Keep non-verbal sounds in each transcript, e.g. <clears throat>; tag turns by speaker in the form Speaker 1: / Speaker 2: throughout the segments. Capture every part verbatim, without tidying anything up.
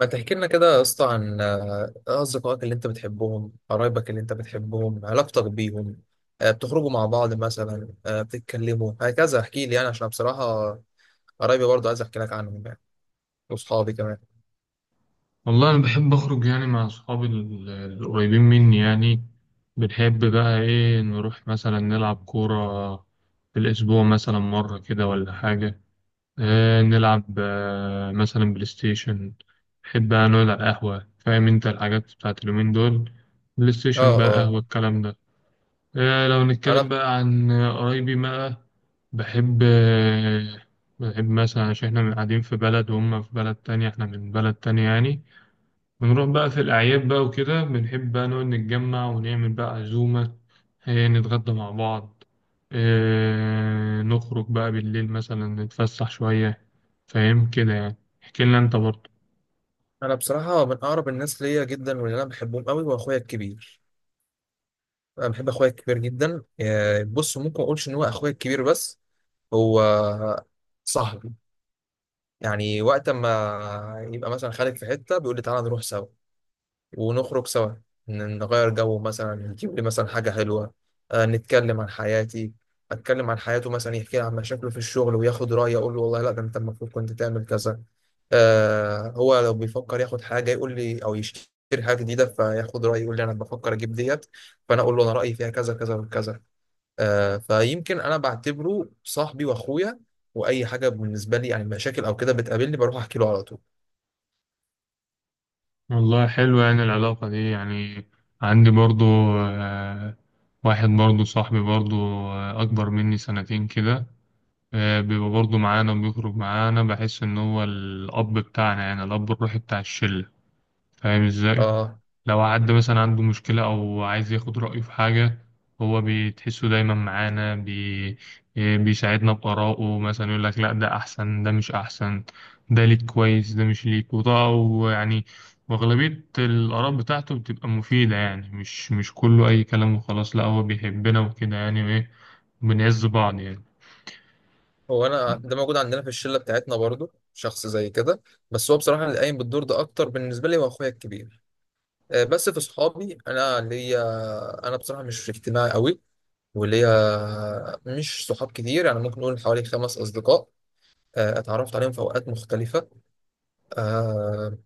Speaker 1: ما تحكي لنا كده يا اسطى عن آه، أصدقائك اللي أنت بتحبهم، قرايبك اللي أنت بتحبهم، علاقتك بيهم، آه، بتخرجوا مع بعض مثلا، آه، بتتكلموا، هكذا احكي لي يعني عشان بصراحة قرايبي برضه عايز أحكي لك عنهم يعني، وأصحابي كمان.
Speaker 2: والله أنا بحب أخرج يعني مع أصحابي ال- القريبين مني يعني. بنحب بقى إيه نروح مثلا نلعب كورة في الأسبوع مثلا مرة كده ولا حاجة. آه نلعب آه مثلا بلاي ستيشن. بحب بقى نقعد على القهوة، فاهم أنت الحاجات بتاعت اليومين دول، بلاي ستيشن
Speaker 1: أه
Speaker 2: بقى،
Speaker 1: أه.
Speaker 2: قهوة، الكلام ده. آه لو نتكلم
Speaker 1: أنا
Speaker 2: بقى عن قرايبي بقى، بحب آه بحب مثلا، عشان إحنا قاعدين في بلد وهم في بلد تانية، إحنا من بلد تانية يعني. بنروح بقى في الأعياد بقى وكده، بنحب بقى نقعد نتجمع ونعمل بقى عزومة، إيه، نتغدى مع بعض، إيه، نخرج بقى بالليل مثلا نتفسح شوية. فاهم كده يعني. احكي لنا أنت برضه.
Speaker 1: أنا بصراحة من أقرب الناس ليا جدا واللي أنا بحبهم قوي هو أخويا الكبير. أنا بحب أخويا الكبير جدا، آه، بص ممكن ما أقولش إن هو أخويا الكبير بس هو صاحبي، يعني وقت ما يبقى مثلا خارج في حتة بيقول لي تعالى نروح سوا. ونخرج سوا، ن- نغير جو مثلا نجيب لي مثلا حاجة حلوة، آه، نتكلم عن حياتي. أتكلم عن حياته مثلا يحكي لي عن مشاكله في الشغل وياخد رأيي أقول له والله لا ده أنت المفروض كنت تعمل كذا. آه هو لو بيفكر ياخد حاجة يقول لي أو يشتري حاجة جديدة فياخد رأيي يقول لي أنا بفكر أجيب ديت. فأنا أقول له أنا رأيي فيها كذا كذا وكذا. آه فيمكن أنا بعتبره صاحبي وأخويا، وأي حاجة بالنسبة لي يعني مشاكل أو كده بتقابلني بروح أحكي له على طول.
Speaker 2: والله حلو يعني العلاقة دي يعني. عندي برضه آه، واحد برضه صاحبي برضه، آه، أكبر مني سنتين كده. آه، بيبقى برضه معانا وبيخرج معانا، بحس إن هو الأب بتاعنا، يعني الأب الروحي بتاع الشلة. فاهم إزاي؟
Speaker 1: آه
Speaker 2: لو حد مثلا عنده مشكلة أو عايز ياخد رأيه في حاجة، هو بتحسه دايما معانا بي... بيساعدنا بآرائه، مثلا يقول لك لا ده أحسن، ده مش أحسن، ده ليك كويس، ده مش ليك، وده ويعني وأغلبية الآراء بتاعته بتبقى مفيدة يعني، مش مش كله أي كلام وخلاص، لا هو بيحبنا وكده يعني، وإيه بنعز بعض يعني.
Speaker 1: هو انا ده موجود عندنا في الشله بتاعتنا برضو شخص زي كده، بس هو بصراحه اللي قايم بالدور ده اكتر بالنسبه لي هو اخويا الكبير. آه، بس في صحابي انا ليا. انا بصراحه مش اجتماعي قوي وليا مش صحاب كتير يعني ممكن نقول حوالي خمس اصدقاء. آه، اتعرفت عليهم في اوقات مختلفه، آه،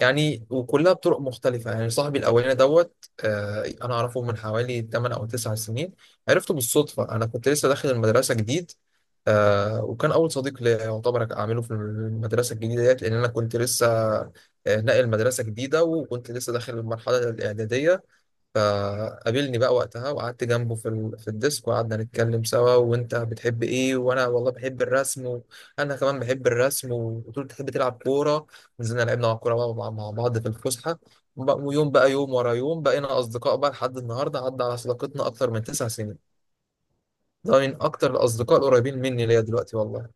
Speaker 1: يعني وكلها بطرق مختلفة يعني صاحبي الأولاني دوت. آه أنا أعرفه من حوالي ثمانية أو تسعة سنين. عرفته بالصدفة أنا كنت لسه داخل المدرسة جديد. آه وكان أول صديق ليا يعتبر أعمله في المدرسة الجديدة ديت لأن أنا كنت لسه آه، ناقل مدرسة جديدة وكنت لسه داخل المرحلة الإعدادية. فقابلني بقى وقتها وقعدت جنبه في ال... في الديسك وقعدنا نتكلم سوا وانت بتحب ايه وانا والله بحب الرسم. وانا كمان بحب الرسم وقلت له بتحب تلعب كوره. نزلنا لعبنا مع كوره بقى مع مع بعض في الفسحه. وبقى- ويوم بقى يوم ورا يوم بقينا اصدقاء بقى لحد النهارده عدى على صداقتنا اكتر من تسع سنين. ده من اكتر الاصدقاء القريبين مني ليا دلوقتي والله.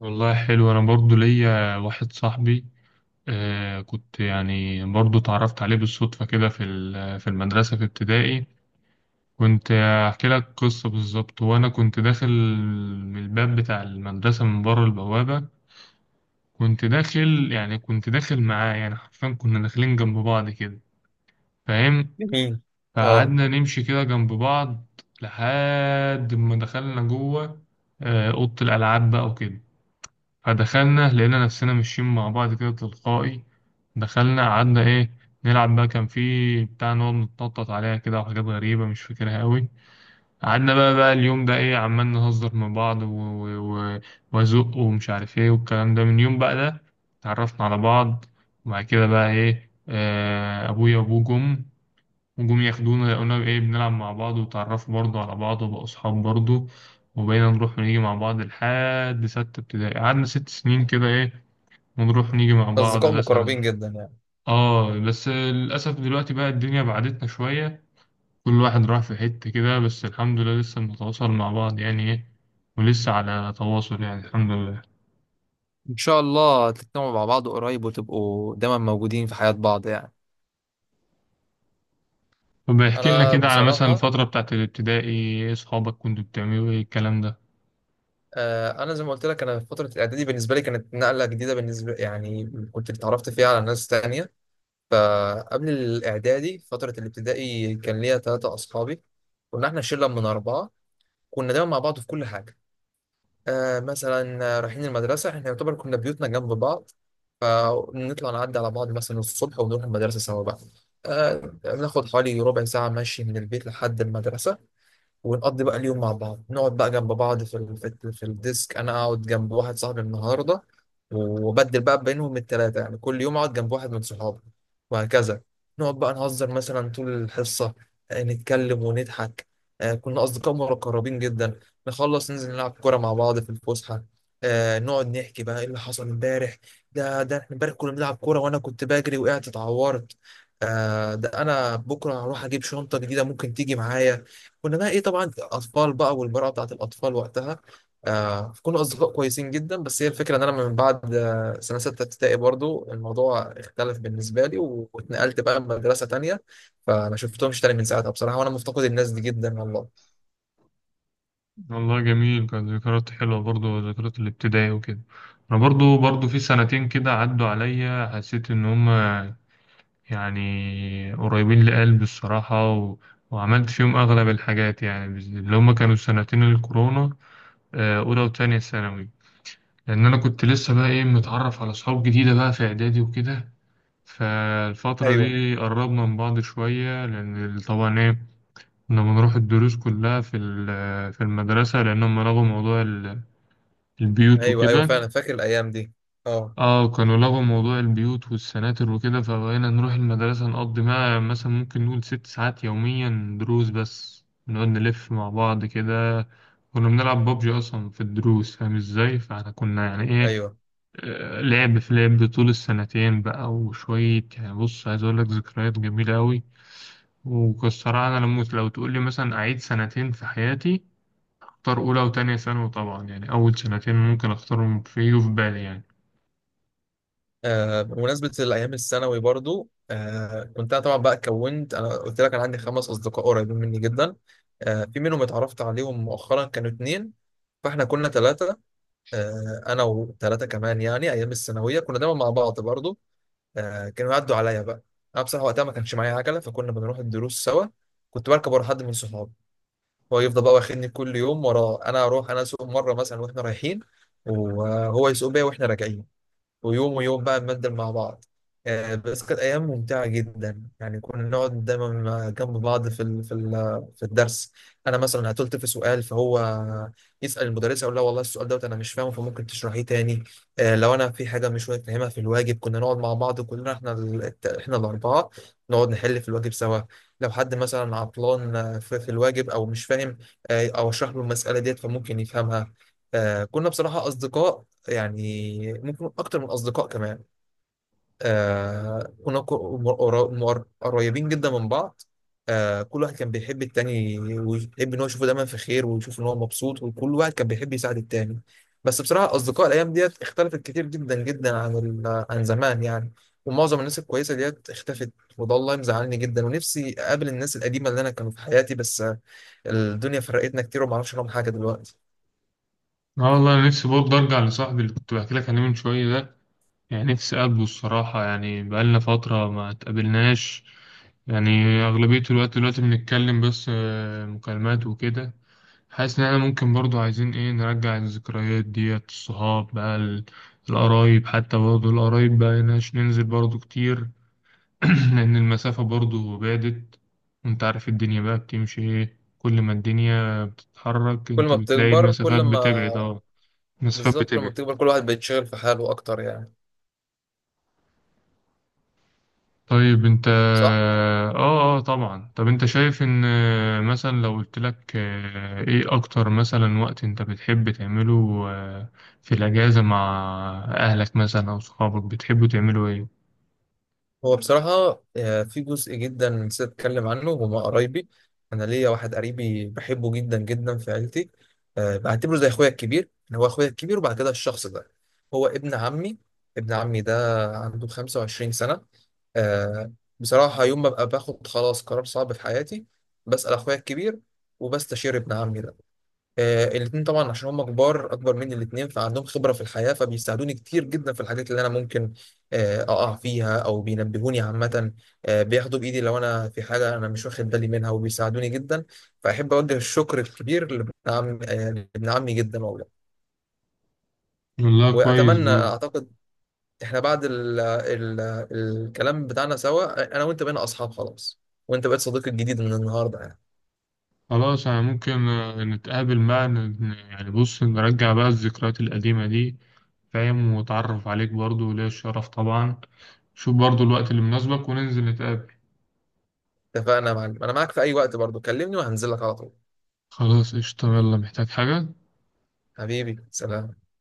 Speaker 2: والله حلو. أنا برضو ليا واحد صاحبي، آه كنت يعني برضو اتعرفت عليه بالصدفة كده في ال- في المدرسة في ابتدائي. كنت أحكي لك قصة بالظبط. وأنا كنت داخل من الباب بتاع المدرسة، من بره البوابة، كنت داخل يعني كنت داخل معاه يعني، حرفيا كنا داخلين جنب بعض كده، فاهم.
Speaker 1: جميل. اه.
Speaker 2: فقعدنا نمشي كده جنب بعض لحد ما دخلنا جوه، آه، أوضة الألعاب بقى وكده. فدخلنا لقينا نفسنا ماشيين مع بعض كده تلقائي. دخلنا قعدنا ايه، نلعب بقى. كان في بتاع نقعد نتنطط عليها كده وحاجات غريبة مش فاكرها قوي. قعدنا بقى بقى اليوم ده ايه، عمال نهزر مع بعض و- و- و- وازق ومش عارف ايه والكلام ده. من يوم بقى ده اتعرفنا على بعض. وبعد كده بقى ايه، آه، ابويا وابوه جم، وجم ياخدونا، قلنا ايه بنلعب مع بعض، وتعرفوا برضه على بعض وبقوا أصحاب برضه. وبقينا نروح ونيجي مع بعض لحد ستة ابتدائي، قعدنا ست سنين كده ايه، ونروح ونيجي مع بعض
Speaker 1: اصدقاء
Speaker 2: مثلا.
Speaker 1: مقربين جدا يعني.
Speaker 2: اه بس للأسف دلوقتي بقى الدنيا بعدتنا شوية، كل واحد راح في حتة كده، بس الحمد لله لسه بنتواصل مع بعض يعني ايه، ولسه على تواصل يعني، الحمد لله.
Speaker 1: ان شاء الله تجتمعوا مع بعض قريب وتبقوا دايما موجودين في حياة بعض يعني.
Speaker 2: طب احكي لنا
Speaker 1: انا
Speaker 2: كده على مثلا
Speaker 1: بصراحه،
Speaker 2: الفترة بتاعت الابتدائي ايه، صحابك كنتوا بتعملوا ايه، الكلام ده.
Speaker 1: آه، انا زي ما قلت لك انا في فتره الاعدادي بالنسبه لي كانت نقله جديده بالنسبه يعني كنت اتعرفت فيها على ناس تانية. فقبل الاعدادي فتره الابتدائي كان ليا ثلاثه اصحابي. كنا احنا شله من اربعه كنا دايما مع بعض في كل حاجه. آه مثلا رايحين المدرسه احنا يعتبر كنا بيوتنا جنب بعض فنطلع نعدي على بعض مثلا الصبح ونروح المدرسه سوا بقى. آه بناخد حوالي ربع ساعه مشي من البيت لحد المدرسه. ونقضي بقى اليوم مع بعض نقعد بقى جنب بعض في ال... في, ال... في الديسك. انا اقعد جنب واحد صاحبي النهارده، وبدل بقى بينهم التلاتة يعني كل يوم اقعد جنب واحد من صحابي وهكذا. نقعد بقى نهزر مثلا طول الحصة، آه، نتكلم ونضحك. آه، كنا أصدقاء مقربين جدا. نخلص ننزل نلعب كورة مع بعض في الفسحة، آه، نقعد نحكي بقى ايه اللي حصل امبارح. ده ده احنا امبارح كنا بنلعب كورة وانا كنت بجري وقعت اتعورت. آه، ده انا بكره هروح اجيب شنطة جديدة ممكن تيجي معايا. كنا بقى ايه طبعا اطفال بقى والمرأة بتاعت الاطفال وقتها. آه كنا اصدقاء كويسين جدا بس هي الفكره ان انا من بعد آه سنه سته ابتدائي برضو الموضوع اختلف بالنسبه لي و- واتنقلت بقى مدرسه تانية. فما شفتهمش تاني من ساعتها بصراحه وانا مفتقد الناس دي جدا والله.
Speaker 2: والله جميل، كانت ذكريات حلوة برضو، ذكريات الابتدائي وكده. أنا برضو برضو في سنتين كده عدوا عليا، حسيت إن هما يعني قريبين لقلبي، الصراحة، و... وعملت فيهم أغلب الحاجات يعني، بز- اللي هما كانوا سنتين الكورونا، آه، أولى وتانية ثانوي. لأن أنا كنت لسه بقى إيه متعرف على صحاب جديدة بقى في إعدادي وكده، فالفترة
Speaker 1: ايوه.
Speaker 2: دي قربنا من بعض شوية، لأن طبعا إيه كنا بنروح الدروس كلها في ال- في المدرسة، لأنهم لغوا موضوع البيوت
Speaker 1: ايوه. ايوه
Speaker 2: وكده.
Speaker 1: فعلا فاكر الايام دي. اه.
Speaker 2: اه كانوا لغوا موضوع البيوت والسناتر وكده، فبقينا نروح المدرسة نقضي معاها مثلا، ممكن نقول ست ساعات يوميا دروس، بس نقعد نلف مع بعض كده. كنا بنلعب بابجي أصلا في الدروس، فاهم ازاي، فاحنا كنا يعني ايه،
Speaker 1: ايوه.
Speaker 2: آه، لعب في لعب طول السنتين بقى وشوية يعني. بص، عايز أقول لك ذكريات جميلة أوي والصراحة. أنا لما لو تقول لي مثلا أعيد سنتين في حياتي، أختار أولى وتانية ثانوي طبعا، يعني أول سنتين ممكن أختارهم في في بالي يعني.
Speaker 1: آه بمناسبة الأيام الثانوي برضو، آه كنت أنا طبعا بقى كونت أنا قلت لك أنا عندي خمس أصدقاء قريبين مني جدا. آه في منهم اتعرفت عليهم مؤخرا كانوا اتنين فإحنا كنا تلاتة. آه أنا وتلاتة كمان يعني أيام الثانوية كنا دايما مع بعض برضو. آه كانوا يعدوا عليا بقى. أنا بصراحة وقتها ما كانش معايا عجلة فكنا بنروح الدروس سوا. كنت بركب ورا حد من صحابي. هو يفضل بقى واخدني كل يوم وراه. أنا أروح أنا أسوق مرة مثلا وإحنا رايحين، وهو يسوق بيا وإحنا راجعين. ويوم ويوم بقى نبدل مع بعض. آه، بس كانت أيام ممتعة جدا يعني كنا نقعد دايما مع- جنب بعض في ال- في ال- في الدرس. أنا مثلا هتلت في سؤال فهو يسأل المدرسة يقول لها والله السؤال دوت أنا مش فاهمه فممكن تشرحيه تاني. آه، لو أنا في حاجة مش فاهمها في الواجب كنا نقعد مع بعض كلنا إحنا ال- الت- إحنا الأربعة. نقعد نحل في الواجب سوا. لو حد مثلا عطلان، آه، في في الواجب أو مش فاهم، آه، أو أشرح له المسألة ديت فممكن يفهمها. آه، كنا بصراحة أصدقاء يعني ممكن اكتر من اصدقاء كمان. آه كنا كو- مقر- مقر- قريبين جدا من بعض. آه كل واحد كان بيحب التاني ويحب ان هو يشوفه دايما في خير ويشوف ان هو مبسوط وكل واحد كان بيحب يساعد التاني. بس بصراحة اصدقاء الايام ديت اختلفت كتير جدا جدا عن ال- عن زمان يعني. ومعظم الناس الكويسة ديت اختفت. وده والله مزعلني جدا ونفسي اقابل الناس القديمة اللي انا كانوا في حياتي بس، آه، الدنيا فرقتنا كتير ومعرفش عنهم حاجة دلوقتي.
Speaker 2: اه والله انا نفسي برضه ارجع لصاحبي اللي كنت بحكي لك عليه من شويه ده، يعني نفسي اقابله الصراحه يعني، بقالنا فتره ما اتقابلناش يعني. اغلبيه الوقت دلوقتي بنتكلم بس، آه، مكالمات وكده. حاسس ان احنا ممكن برضه عايزين ايه نرجع الذكريات ديت، الصحاب بقى ال- القرايب، حتى برضه القرايب بقى ناش ننزل برضه كتير. <clears throat> لان المسافه برضه بعدت. وانت عارف الدنيا بقى بتمشي ايه، كل ما الدنيا بتتحرك
Speaker 1: كل
Speaker 2: انت
Speaker 1: ما
Speaker 2: بتلاقي
Speaker 1: بتكبر كل
Speaker 2: المسافات
Speaker 1: ما
Speaker 2: بتبعد. اه مسافات
Speaker 1: بالظبط لما
Speaker 2: بتبعد.
Speaker 1: بتكبر كل واحد بيتشغل في حاله أكتر يعني.
Speaker 2: طيب انت،
Speaker 1: صح.
Speaker 2: اه اه طبعا، طب انت شايف ان آه، مثلا لو قلت لك آه، ايه اكتر مثلا وقت انت بتحب تعمله، آه، في الاجازة مع اهلك مثلا او صحابك، بتحبوا تعملوا ايه؟
Speaker 1: هو بصراحة، آه، في جزء جدا نسيت أتكلم عنه وهما قرايبي. أنا ليا واحد قريبي بحبه جدا جدا في عيلتي، آه، بعتبره زي أخويا الكبير إن هو أخويا الكبير وبعد كده الشخص ده هو ابن عمي. ابن عمي ده عنده خمسة وعشرين سنة. آه، بصراحة يوم ما ببقى باخد خلاص قرار صعب في حياتي بسأل أخويا الكبير وبستشير ابن عمي ده. آه الاتنين طبعا عشان هم كبار اكبر مني الاتنين فعندهم خبره في الحياه فبيساعدوني كتير جدا في الحاجات اللي انا ممكن آه اقع فيها او بينبهوني عامه. آه بياخدوا بايدي لو انا في حاجه انا مش واخد بالي منها وبيساعدوني جدا. فاحب اوجه الشكر الكبير لابن عم آه لابن عمي جدا والله.
Speaker 2: والله كويس
Speaker 1: واتمنى
Speaker 2: برضه.
Speaker 1: اعتقد احنا بعد ال ال الكلام بتاعنا سوا انا وانت بقينا اصحاب خلاص. وانت بقيت صديقي الجديد من النهارده يعني.
Speaker 2: خلاص يعني، ممكن آه، نتقابل بقى، ن- ن- يعني بص نرجع بقى الذكريات القديمة دي، فاهم، واتعرف عليك برضه وليا الشرف طبعا. شوف برضه الوقت اللي مناسبك وننزل نتقابل.
Speaker 1: اتفقنا يا معلم انا معاك في اي وقت برضو كلمني وهنزل لك على طول.
Speaker 2: خلاص قشطة، يلا، محتاج حاجة؟
Speaker 1: حبيبي سلام.